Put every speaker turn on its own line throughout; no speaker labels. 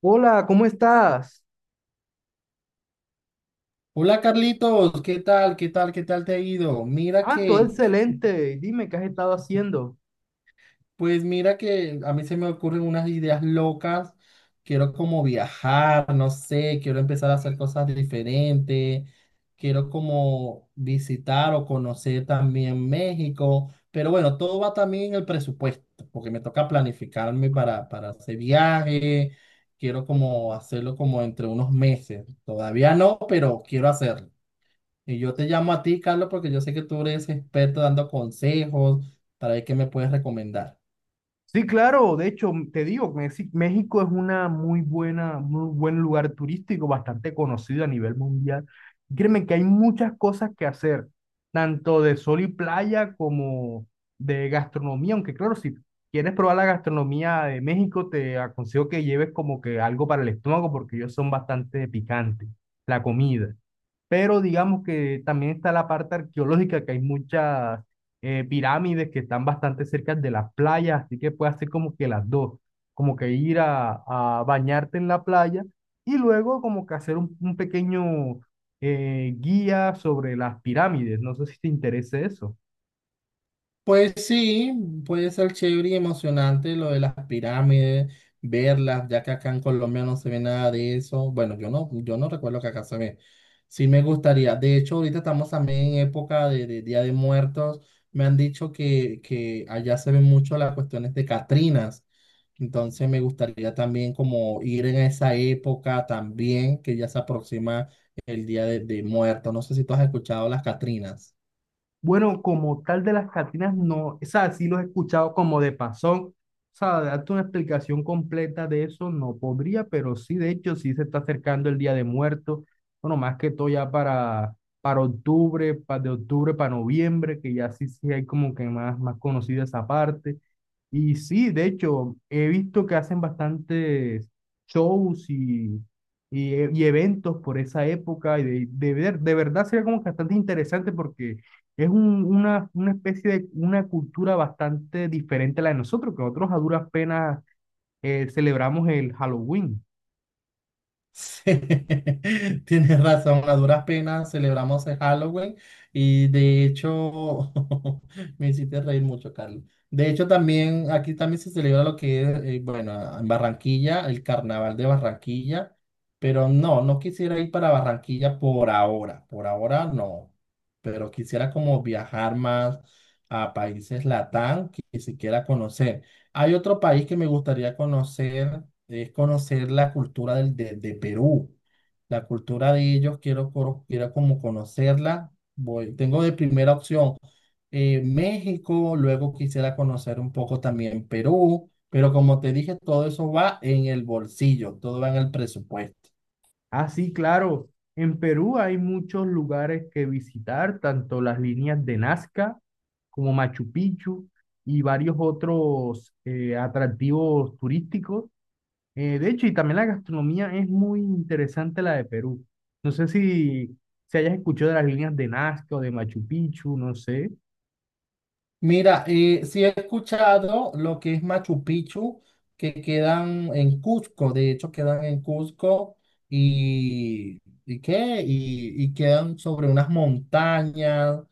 Hola, ¿cómo estás?
Hola Carlitos, ¿qué tal? ¿Qué tal? ¿Qué tal te ha ido?
Ah, todo excelente. Dime, ¿qué has estado haciendo?
Pues mira que a mí se me ocurren unas ideas locas. Quiero como viajar, no sé, quiero empezar a hacer cosas diferentes. Quiero como visitar o conocer también México. Pero bueno, todo va también en el presupuesto, porque me toca planificarme para hacer viaje. Quiero como hacerlo como entre unos meses. Todavía no, pero quiero hacerlo. Y yo te llamo a ti, Carlos, porque yo sé que tú eres experto dando consejos para ver qué me puedes recomendar.
Sí, claro, de hecho, te digo, Mexi- México es una muy buena, muy buen lugar turístico, bastante conocido a nivel mundial. Y créeme que hay muchas cosas que hacer, tanto de sol y playa como de gastronomía, aunque claro, si quieres probar la gastronomía de México, te aconsejo que lleves como que algo para el estómago porque ellos son bastante picantes, la comida. Pero digamos que también está la parte arqueológica, que hay muchas pirámides que están bastante cerca de las playas, así que puedes hacer como que las dos, como que ir a bañarte en la playa y luego como que hacer un pequeño guía sobre las pirámides. No sé si te interesa eso.
Pues sí, puede ser chévere y emocionante lo de las pirámides, verlas, ya que acá en Colombia no se ve nada de eso. Bueno, yo no recuerdo que acá se ve. Sí me gustaría. De hecho, ahorita estamos también en época de Día de Muertos. Me han dicho que allá se ven mucho las cuestiones de Catrinas. Entonces me gustaría también como ir en esa época también, que ya se aproxima el Día de Muertos. No sé si tú has escuchado las Catrinas.
Bueno, como tal de las Catinas, no, o sea, sí los he escuchado como de pasón. O sea, darte una explicación completa de eso no podría, pero sí, de hecho, sí se está acercando el Día de Muertos. Bueno, más que todo ya para octubre, para de octubre para noviembre, que ya sí, sí hay como que más, más conocida esa parte. Y sí, de hecho, he visto que hacen bastantes shows y eventos por esa época. Y de ver, de verdad sería como que bastante interesante porque es un- una especie de una cultura bastante diferente a la de nosotros, que nosotros a duras penas celebramos el Halloween.
Sí, tienes razón, a duras penas celebramos el Halloween y de hecho me hiciste reír mucho, Carlos. De hecho, también aquí también se celebra lo que es, bueno, en Barranquilla, el Carnaval de Barranquilla, pero no quisiera ir para Barranquilla por ahora no, pero quisiera como viajar más a países Latam, que siquiera conocer. Hay otro país que me gustaría conocer, es conocer la cultura de Perú. La cultura de ellos, quiero como conocerla. Voy, tengo de primera opción México, luego quisiera conocer un poco también Perú, pero como te dije, todo eso va en el bolsillo, todo va en el presupuesto.
Ah, sí, claro, en Perú hay muchos lugares que visitar, tanto las líneas de Nazca como Machu Picchu y varios otros atractivos turísticos. De hecho, y también la gastronomía es muy interesante la de Perú. No sé si, si hayas escuchado de las líneas de Nazca o de Machu Picchu, no sé.
Mira, sí he escuchado lo que es Machu Picchu, que quedan en Cusco, de hecho quedan en Cusco y, ¿y qué? Y quedan sobre unas montañas,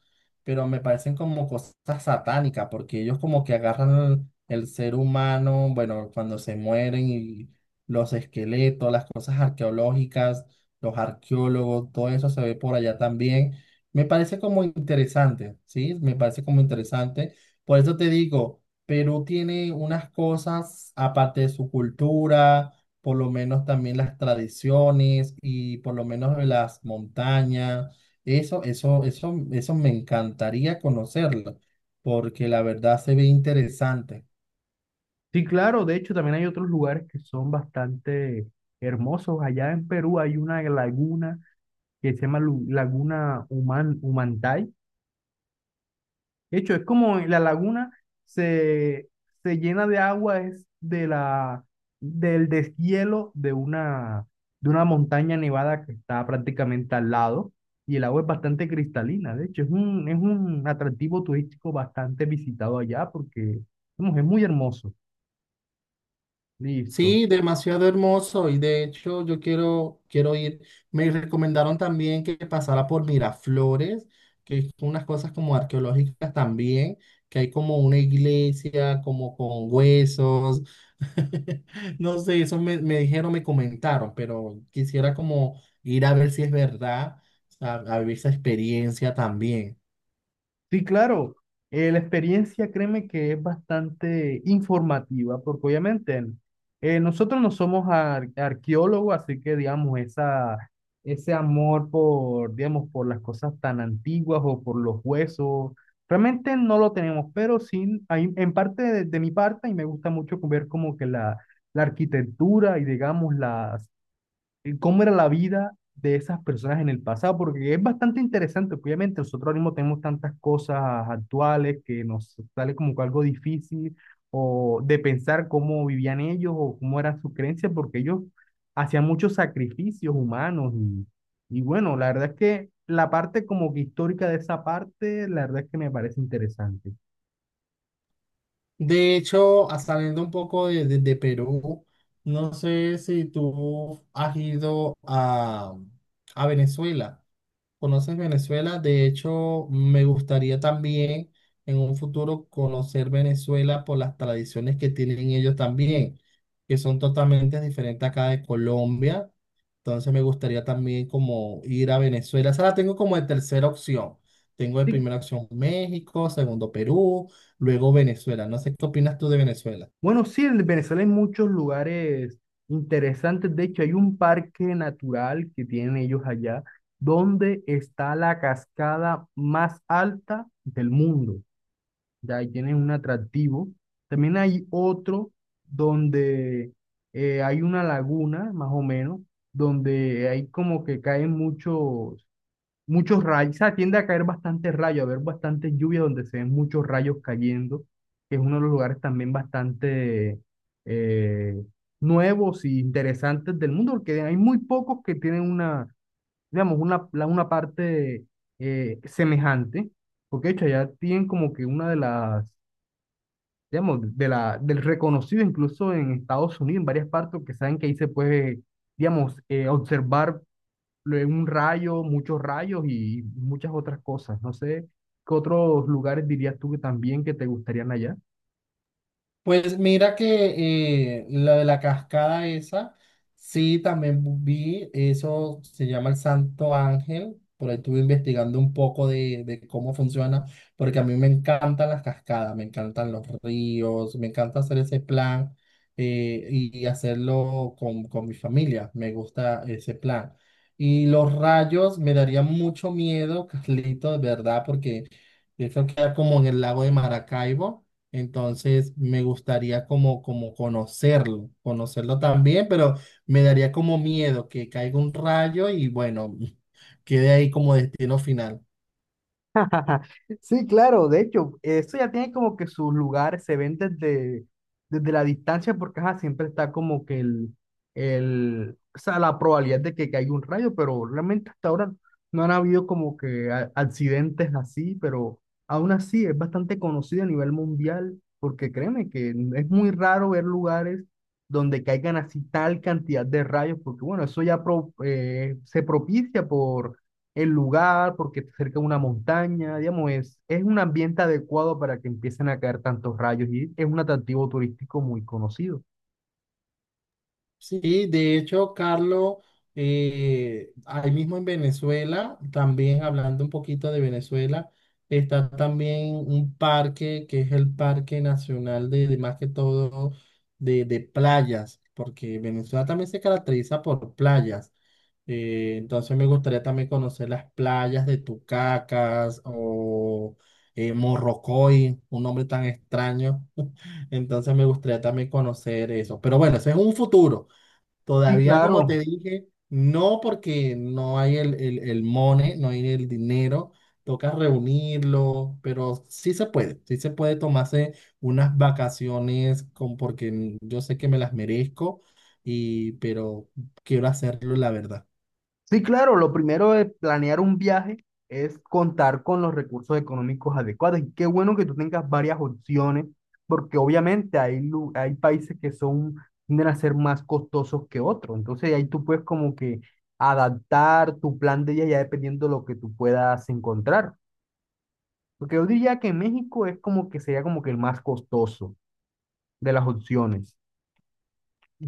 pero me parecen como cosas satánicas, porque ellos como que agarran el ser humano, bueno, cuando se mueren y los esqueletos, las cosas arqueológicas, los arqueólogos, todo eso se ve por allá también. Me parece como interesante, ¿sí? Me parece como interesante. Por eso te digo, Perú tiene unas cosas, aparte de su cultura, por lo menos también las tradiciones y por lo menos las montañas. Eso me encantaría conocerlo, porque la verdad se ve interesante.
Sí, claro, de hecho también hay otros lugares que son bastante hermosos. Allá en Perú hay una laguna que se llama Lu- Laguna Human, Humantay. De hecho, es como la laguna se, se llena de agua, es de la, del deshielo de una montaña nevada que está prácticamente al lado y el agua es bastante cristalina. De hecho, es un atractivo turístico bastante visitado allá porque vamos, es muy hermoso. Listo.
Sí, demasiado hermoso y de hecho yo quiero ir. Me recomendaron también que pasara por Miraflores, que es unas cosas como arqueológicas también, que hay como una iglesia como con huesos. No sé, eso me dijeron, me comentaron, pero quisiera como ir a ver si es verdad, a vivir esa experiencia también.
Sí, claro. La experiencia, créeme que es bastante informativa, porque obviamente nosotros no somos ar- arqueólogos, así que digamos, esa, ese amor por, digamos, por las cosas tan antiguas o por los huesos, realmente no lo tenemos, pero sí, hay, en parte de mi parte, y me gusta mucho ver como que la arquitectura y digamos la cómo era la vida de esas personas en el pasado, porque es bastante interesante, obviamente nosotros ahora mismo tenemos tantas cosas actuales que nos sale como que algo difícil o de pensar cómo vivían ellos o cómo era su creencia, porque ellos hacían muchos sacrificios humanos y bueno, la verdad es que la parte como que histórica de esa parte, la verdad es que me parece interesante.
De hecho, saliendo un poco de, de Perú, no sé si tú has ido a Venezuela. ¿Conoces Venezuela? De hecho, me gustaría también en un futuro conocer Venezuela por las tradiciones que tienen ellos también, que son totalmente diferentes acá de Colombia. Entonces me gustaría también como ir a Venezuela. Esa la tengo como de tercera opción. Tengo de
Así.
primera opción México, segundo Perú, luego Venezuela. No sé qué opinas tú de Venezuela.
Bueno, sí, en Venezuela hay muchos lugares interesantes. De hecho, hay un parque natural que tienen ellos allá, donde está la cascada más alta del mundo. Ya ahí tienen un atractivo. También hay otro donde hay una laguna, más o menos, donde hay como que caen muchos rayos, o sea, tiende a caer bastante rayo, a haber bastante lluvia donde se ven muchos rayos cayendo, que es uno de los lugares también bastante eh, nuevos y interesantes del mundo, porque hay muy pocos que tienen una, digamos, una, la- una parte semejante, porque de hecho allá tienen como que una de las, digamos, de la, del reconocido incluso en Estados Unidos, en varias partes, que saben que ahí se puede, digamos, observar luego un rayo, muchos rayos y muchas otras cosas. No sé, ¿qué otros lugares dirías tú que también que te gustarían allá?
Pues mira que lo de la cascada esa, sí, también vi, eso se llama el Santo Ángel, por ahí estuve investigando un poco de cómo funciona, porque a mí me encantan las cascadas, me encantan los ríos, me encanta hacer ese plan y hacerlo con mi familia, me gusta ese plan. Y los rayos me daría mucho miedo, Carlito, de verdad, porque eso queda como en el lago de Maracaibo. Entonces, me gustaría como, como conocerlo, conocerlo también, pero me daría como miedo que caiga un rayo y bueno, quede ahí como destino final.
Sí, claro, de hecho, eso ya tiene como que sus lugares, se ven desde, desde la distancia, porque ajá, siempre está como que el, o sea, la probabilidad de que caiga un rayo, pero realmente hasta ahora no han habido como que a- accidentes así, pero aún así es bastante conocido a nivel mundial, porque créeme que es muy raro ver lugares donde caigan así tal cantidad de rayos, porque bueno, eso ya pro- se propicia el lugar, porque está cerca de una montaña, digamos, es un ambiente adecuado para que empiecen a caer tantos rayos y es un atractivo turístico muy conocido.
Sí, de hecho, Carlos, ahí mismo en Venezuela, también hablando un poquito de Venezuela, está también un parque que es el Parque Nacional de más que todo de playas, porque Venezuela también se caracteriza por playas. Entonces me gustaría también conocer las playas de Tucacas o Morrocoy, un nombre tan extraño. Entonces me gustaría también conocer eso. Pero bueno, eso es un futuro.
Sí,
Todavía, como
claro.
te dije, no porque no hay el money, no hay el dinero. Toca reunirlo, pero sí se puede tomarse unas vacaciones con, porque yo sé que me las merezco, y, pero quiero hacerlo, la verdad.
Sí, claro, lo primero de planear un viaje es contar con los recursos económicos adecuados. Y qué bueno que tú tengas varias opciones, porque obviamente hay, lu- hay países que son, tienden a ser más costosos que otros. Entonces ahí tú puedes como que adaptar tu plan de viaje ya dependiendo de lo que tú puedas encontrar. Porque yo diría que México es como que sería como que el más costoso de las opciones.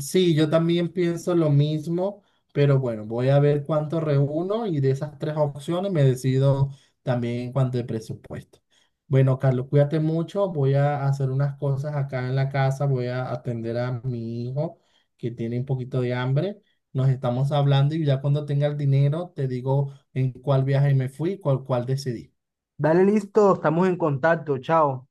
Sí, yo también pienso lo mismo, pero bueno, voy a ver cuánto reúno y de esas 3 opciones me decido también en cuanto de presupuesto. Bueno, Carlos, cuídate mucho, voy a hacer unas cosas acá en la casa, voy a atender a mi hijo que tiene un poquito de hambre. Nos estamos hablando y ya cuando tenga el dinero te digo en cuál viaje me fui, cuál decidí.
Dale listo, estamos en contacto, chao.